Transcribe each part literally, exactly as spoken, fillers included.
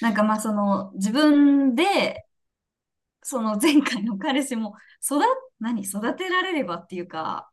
なんかまあその自分で、その前回の彼氏も育、何、育てられればっていうか、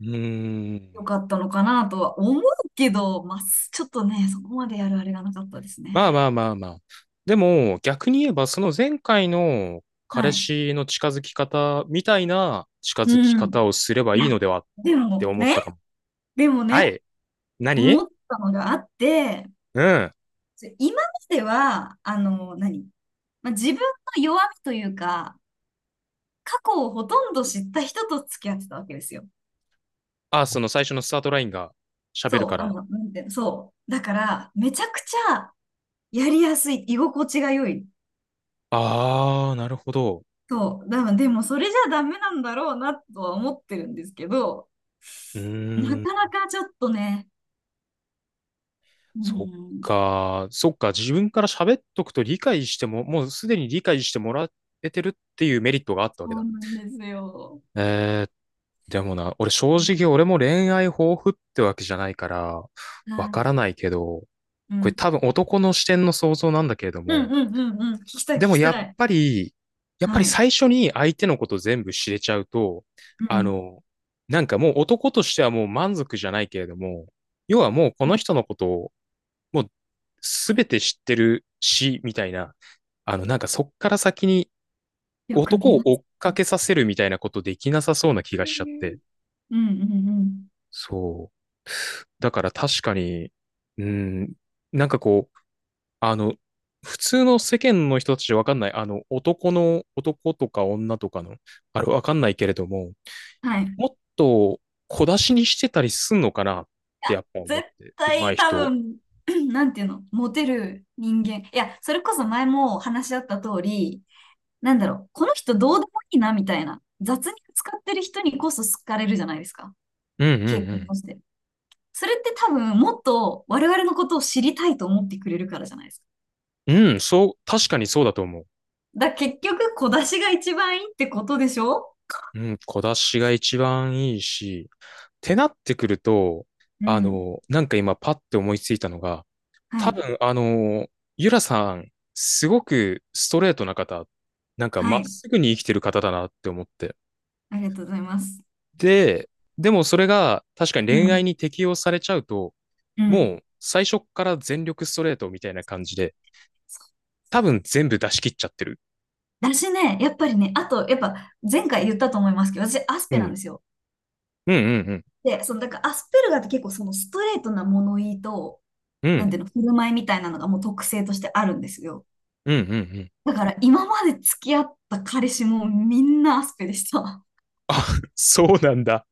うーよん。かったのかなとは思うけど、まあちょっとね、そこまでやるあれがなかったですね。まあまあまあまあ。でも、逆に言えば、その前回のは彼い。氏の近づき方みたいな近づきうん。方をすればいいいや、のではっでても思っね、たかも。でもはね、い。何思ったのがあって、うん。今までは、あの、何、まあ、自分の弱みというか、過去をほとんど知った人と付き合ってたわけですよ。あ、その最初のスタートラインが喋るそかう、あら。の、なんていうの、そう。だから、めちゃくちゃやりやすい、居心地が良い。あー、なるほど。そう。だからでも、それじゃダメなんだろうなとは思ってるんですけど、うなーん。かなかちょっとね、うそっん、か。そっか。自分から喋っとくと理解しても、もうすでに理解してもらえてるっていうメリットがあったわそけうだ。なんですよ。えーっでもな、俺正直俺も恋愛豊富ってわけじゃないから、わはかい。らないけど、うこれん。多分男の視点の想像なんだけれどうんも、うんうんうん。聞きたい、聞でもきやたっい。ぱり、やっぱりはい。最初に相手のこと全部知れちゃうと、うあん。の、なんかもう男としてはもう満足じゃないけれども、要はもうこの人のことをもう全て知ってるし、みたいな、あの、なんかそっから先によく男見をま追す。っうかけさせるみたいなことできなさそうな気がしちゃって、んうんうん。そう。だから確かに、うん、なんかこう、あの、普通の世間の人たちじゃわかんない、あの、男の、男とか女とかの、あれわかんないけれども、はい。もっと小出しにしてたりすんのかなってやっぱ思絶って、上手対い多人。分、なんていうの、モテる人間。いや、それこそ前も話し合った通り、なんだろう、この人どうでもいいなみたいな、雑に使ってる人にこそ好かれるじゃないですか、うんう傾向んとして。それって多分、もっと我々のことを知りたいと思ってくれるからじゃないですか。うん。うん、そう、確かにそうだと思う。だ、結局、小出しが一番いいってことでしょうん、小出しが一番いいし、ってなってくると、うあん。の、なんか今パッて思いついたのが、は多い。分、あの、ゆらさん、すごくストレートな方、なんかはまっい。すぐに生きてる方だなって思って。ありがとうございます。で、でもそれが確かにう恋愛ん。に適用されちゃうと、うん。もう最初っから全力ストレートみたいな感じで、多分全部出し切っちゃってる。だしね、やっぱりね、あと、やっぱ前回言ったと思いますけど、私、アスうペなんん。ですよ。うんうんうん。で、その、だからアスペルガーって結構そのストレートな物言いと、うなんてん。いうの、振る舞いみたいなのがもう特性としてあるんですよ。うんうんうん。だから今まで付き合った彼氏もみんなアスペでした。そうなんだ。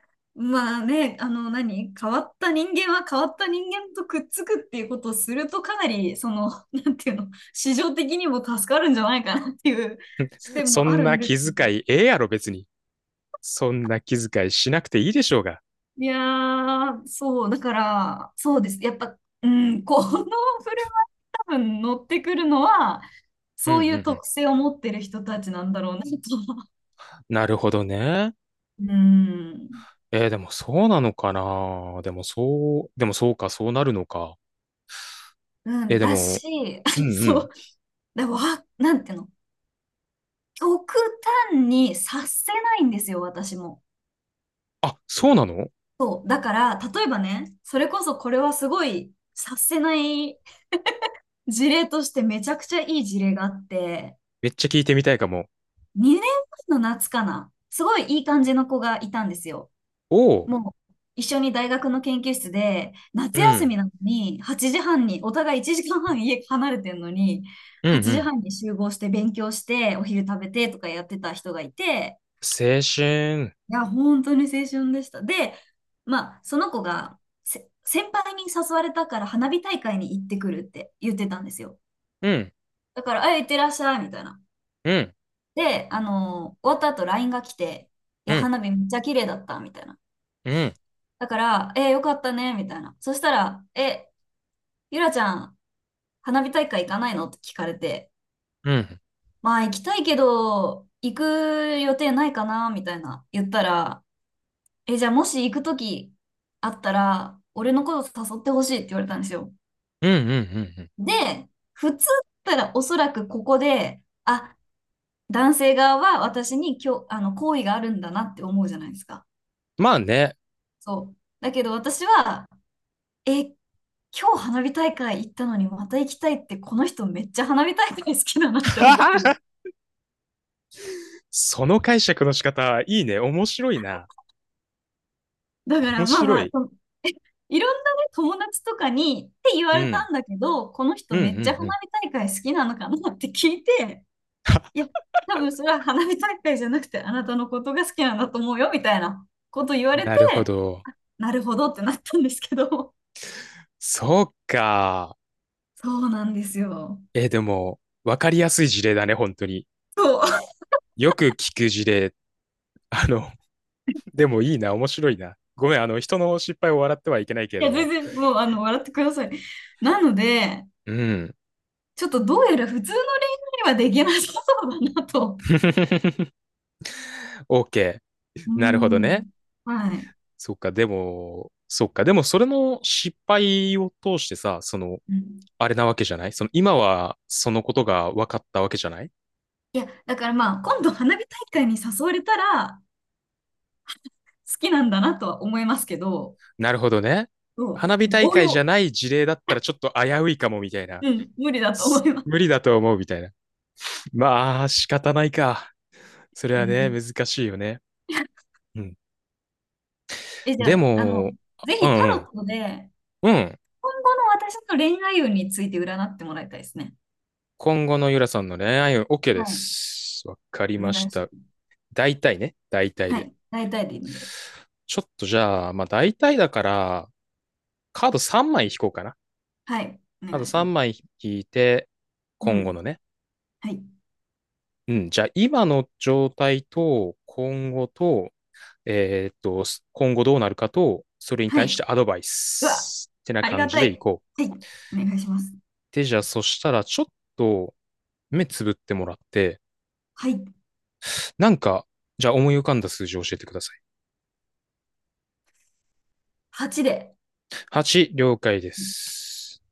まあね、あの何、変わった人間は変わった人間とくっつくっていうことをするとかなり、その、なんていうの、市場的にも助かるんじゃないかなっていう視点そもあんるなんで気すけ遣ど。いええやろ別に。そんな気遣いしなくていいでしょうが。いやー、そう、だから、そうです。やっぱ、うん、この振る多分乗ってくるのは、うんうんそうういうん。特性を持ってる人たちなんだろうなとは。なるほどね。うん。えー、でもそうなのかなでもそう、でもそうか、そうなるのか。うえー、ん、でだも、し、う んうそん。う、でも、わなんていうの、極端に察せないんですよ、私も。あ、そうなの。そう、だから、例えばね、それこそこれはすごい察せない事例としてめちゃくちゃいい事例があって、めっちゃ聞いてみたいかも。にねんまえの夏かな、すごいいい感じの子がいたんですよ。おう、もう一緒に大学の研究室で、夏う休ん、みなのにはちじはんに、お互いいちじかんはん家離れてるのに、うん、う8ん。時半に集合して勉強して、お昼食べてとかやってた人がいて、青春。いや、本当に青春でした。で、まあ、その子がせ先輩に誘われたから花火大会に行ってくるって言ってたんですよ。うん、だから、あ、行ってらっしゃい、みたいな。うん、で、あのー終わった後 ライン が来て、いうや、ん、花火めっちゃ綺麗だった、みたいな。うん、だから、えーよかったね、みたいな。そしたら、え、ゆらちゃん、花火大会行かないのって聞かれて、うん、まあ行きたいけど、行く予定ないかなみたいな言ったら、え、じゃあもし行くときあったら、俺のこと誘ってほしいって言われたんですよ。うん、うん、うん。うん、で、普通だったらおそらくここで、あ、男性側は私に今日、あの、好意があるんだなって思うじゃないですか。まあね。そう。だけど私は、え、今日花火大会行ったのにまた行きたいって、この人めっちゃ花火大会好きだなって思った。その解釈の仕方、いいね。面白いな。だか面らまあ白まあ、い。その いろんなね、友達とかにって言うわれん、たんだけど、このう人ん、うめっちゃん、花うん。火大会好きなのかなって聞いて、いや、多分それは花火大会じゃなくてあなたのことが好きなんだと思うよみたいなこと言われなるほて、ど。なるほどってなったんですけど、そうか。そうなんですよ。えー、でも、わかりやすい事例だね、本当に。そう。よく聞く事例。あの、でもいいな、面白いな。ごめん、あの、人の失敗を笑ってはいけないけ れいどや、全も。然もうあの笑ってください。なので、うん。ちょっとどうやら普通の恋愛にはできなさそうだなと。OK。うなるほどね。ん。はい。そっか、でも、そっか、でもそれの失敗を通してさ、その、うんあれなわけじゃない、その、今はそのことが分かったわけじゃない。いや、だからまあ、今度花火大会に誘われたら、好きなんだなとは思いますけど、なるほどね。そ花火う、大応会じゃ用、ない事例だったらちょっと危ういかもみたいな。うん、無理だと思すいます。無理だと思うみたいな。まあ、仕方ないか。それうはね、ん、難しいよね。うん。え、じでゃあ、あの、も、ぜあ、ひタうロんットで、うん。うん。今後の私の恋愛運について占ってもらいたいですね。今後のゆらさんの恋愛運 OK ではい、す。わかりお願ましいした。ます。大体ね。大体はで。い、大体でいいので、ちょっとじゃあ、まあ大体だから、カードさんまい引こうかな。はい、おカー願ドいしま3す。枚引いて、う今後ん、のね。はい、うん。じゃあ今の状態と、今後と、えーっと、今後どうなるかと、それには対い、してアうドバイス。わ、ってなあり感がじたでいい。こう。はい、お願いします。で、じゃあそしたら、ちょっと目つぶってもらって、はい、なんか、じゃあ思い浮かんだ数字を教えてください。はちで。はち、了解です。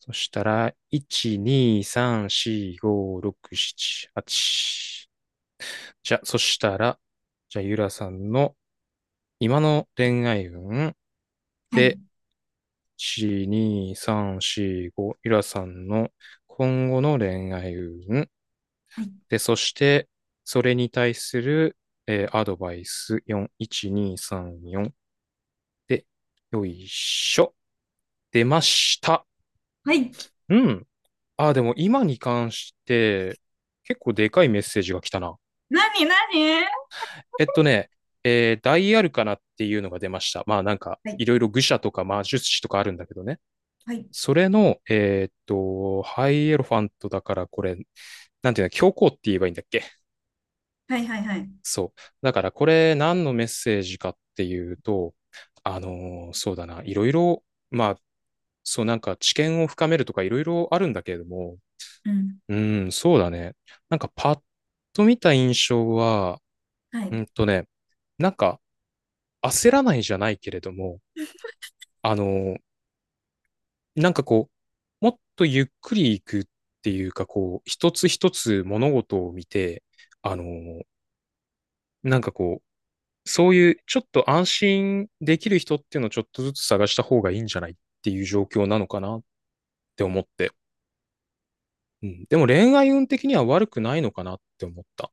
そしたら、いち、に、さん、し、ご、ろく、しち、はち。じゃあ、そしたら、じゃあ、ゆらさんの今の恋愛運はで、い、いち、に、さん、し、ご、ゆらさんの今後の恋愛運はい、で、そして、それに対する、えーアドバイスよん、いち、に、さん、しで、よいしょ。出ました。はい、うん。ああ、でも今に関して、結構でかいメッセージが来たな。何、何えっとね、えーダイアルカナっていうのが出ました。まあなんか、はい、いろいろ愚者とか魔術師とかあるんだけどね。はい。それの、えーっと、ハイエロファントだからこれ、なんていうの、教皇って言えばいいんだっけ。はいはいはい。そう。だからこれ何のメッセージかっていうと、あのーそうだな、いろいろ、まあ、そう、なんか知見を深めるとかいろいろあるんだけれども、うん。うん、そうだね。なんかパッと見た印象は、はうい。んとね、なんか焦らないじゃないけれども、あの、なんかこう、もっとゆっくり行くっていうか、こう、一つ一つ物事を見て、あの、なんかこう、そういうちょっと安心できる人っていうのをちょっとずつ探した方がいいんじゃないっていう状況なのかなって思って。うん、でも恋愛運的には悪くないのかなって思った。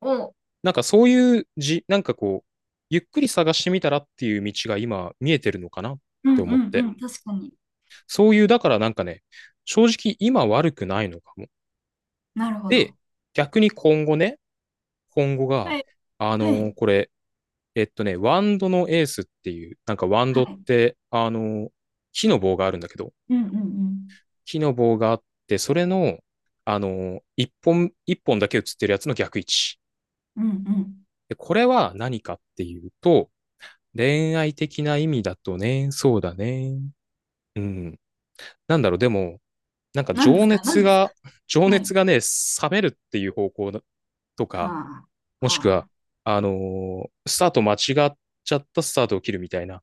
を、なんかそういうじ、なんかこう、ゆっくり探してみたらっていう道が今見えてるのかなっうんてう思っんて。うん。確かに。そういう、だからなんかね、正直今悪くないのかも。なるほで、ど。逆に今後ね、今後が、はい。あはのーい。これ、えっとね、ワンドのエースっていう、なんかワンはドっい。て、あのー木の棒があるんだけど、うんうんうん。木の棒があって、それの、あのー一本、一本だけ映ってるやつの逆位置。うんうん。でこれは何かっていうと、恋愛的な意味だとね、そうだね。うん。なんだろう、でも、なんか何で情すか何熱ですかが、情は熱い。がね、冷めるっていう方向だとか、はもあ。しはくは、あ。あのースタート間違っちゃったスタートを切るみたいな。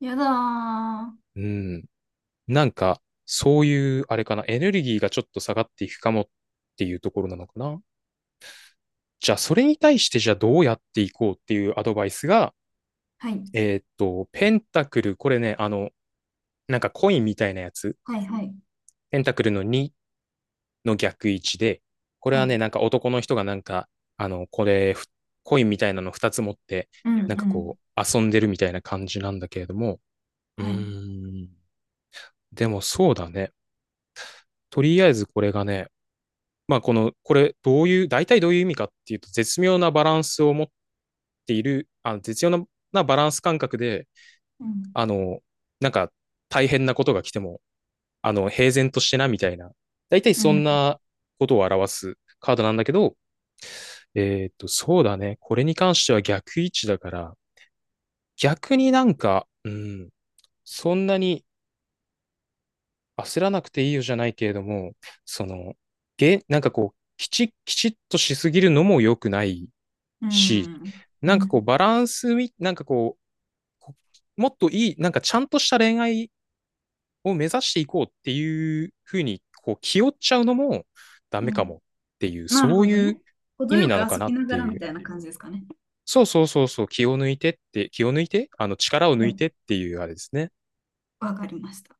やだー。うん。なんか、そういう、あれかな、エネルギーがちょっと下がっていくかもっていうところなのかな。じゃあ、それに対して、じゃあどうやっていこうっていうアドバイスが、はい。えーっと、ペンタクル、これね、あの、なんかコインみたいなやつ、はいはい。ペンタクルのにの逆位置で、これははい。ね、なんか男の人がなんか、あの、これ、ふコインみたいなのふたつ持って、うんうなんかん。こう、遊んでるみたいな感じなんだけれども、うはい。ーん。でもそうだね。とりあえずこれがね、まあ、この、これどういう、大体どういう意味かっていうと、絶妙なバランスを持っている、あの絶妙ななバランス感覚で、うんあの、なんか大変なことが来ても、あの、平然としてなみたいな、大体うそんんなことを表すカードなんだけど、えーっと、そうだね。これに関しては逆位置だから、逆になんか、うん、そんなに焦らなくていいよじゃないけれども、その、げ、なんかこう、きち、きちっとしすぎるのも良くないうし、んうなんかこう、んバランスみ、なんかこう、こもっといい、なんかちゃんとした恋愛を目指していこうっていうふうに、こう、気負っちゃうのもダうメかん。もっていう、なるそうほどいうね。意程味よなくのか遊なびっなてがらいみう。たいな感じですかね。そうそうそうそう、気を抜いてって、気を抜いてあの、力を抜はいい。てっていうあれですね。わかりました。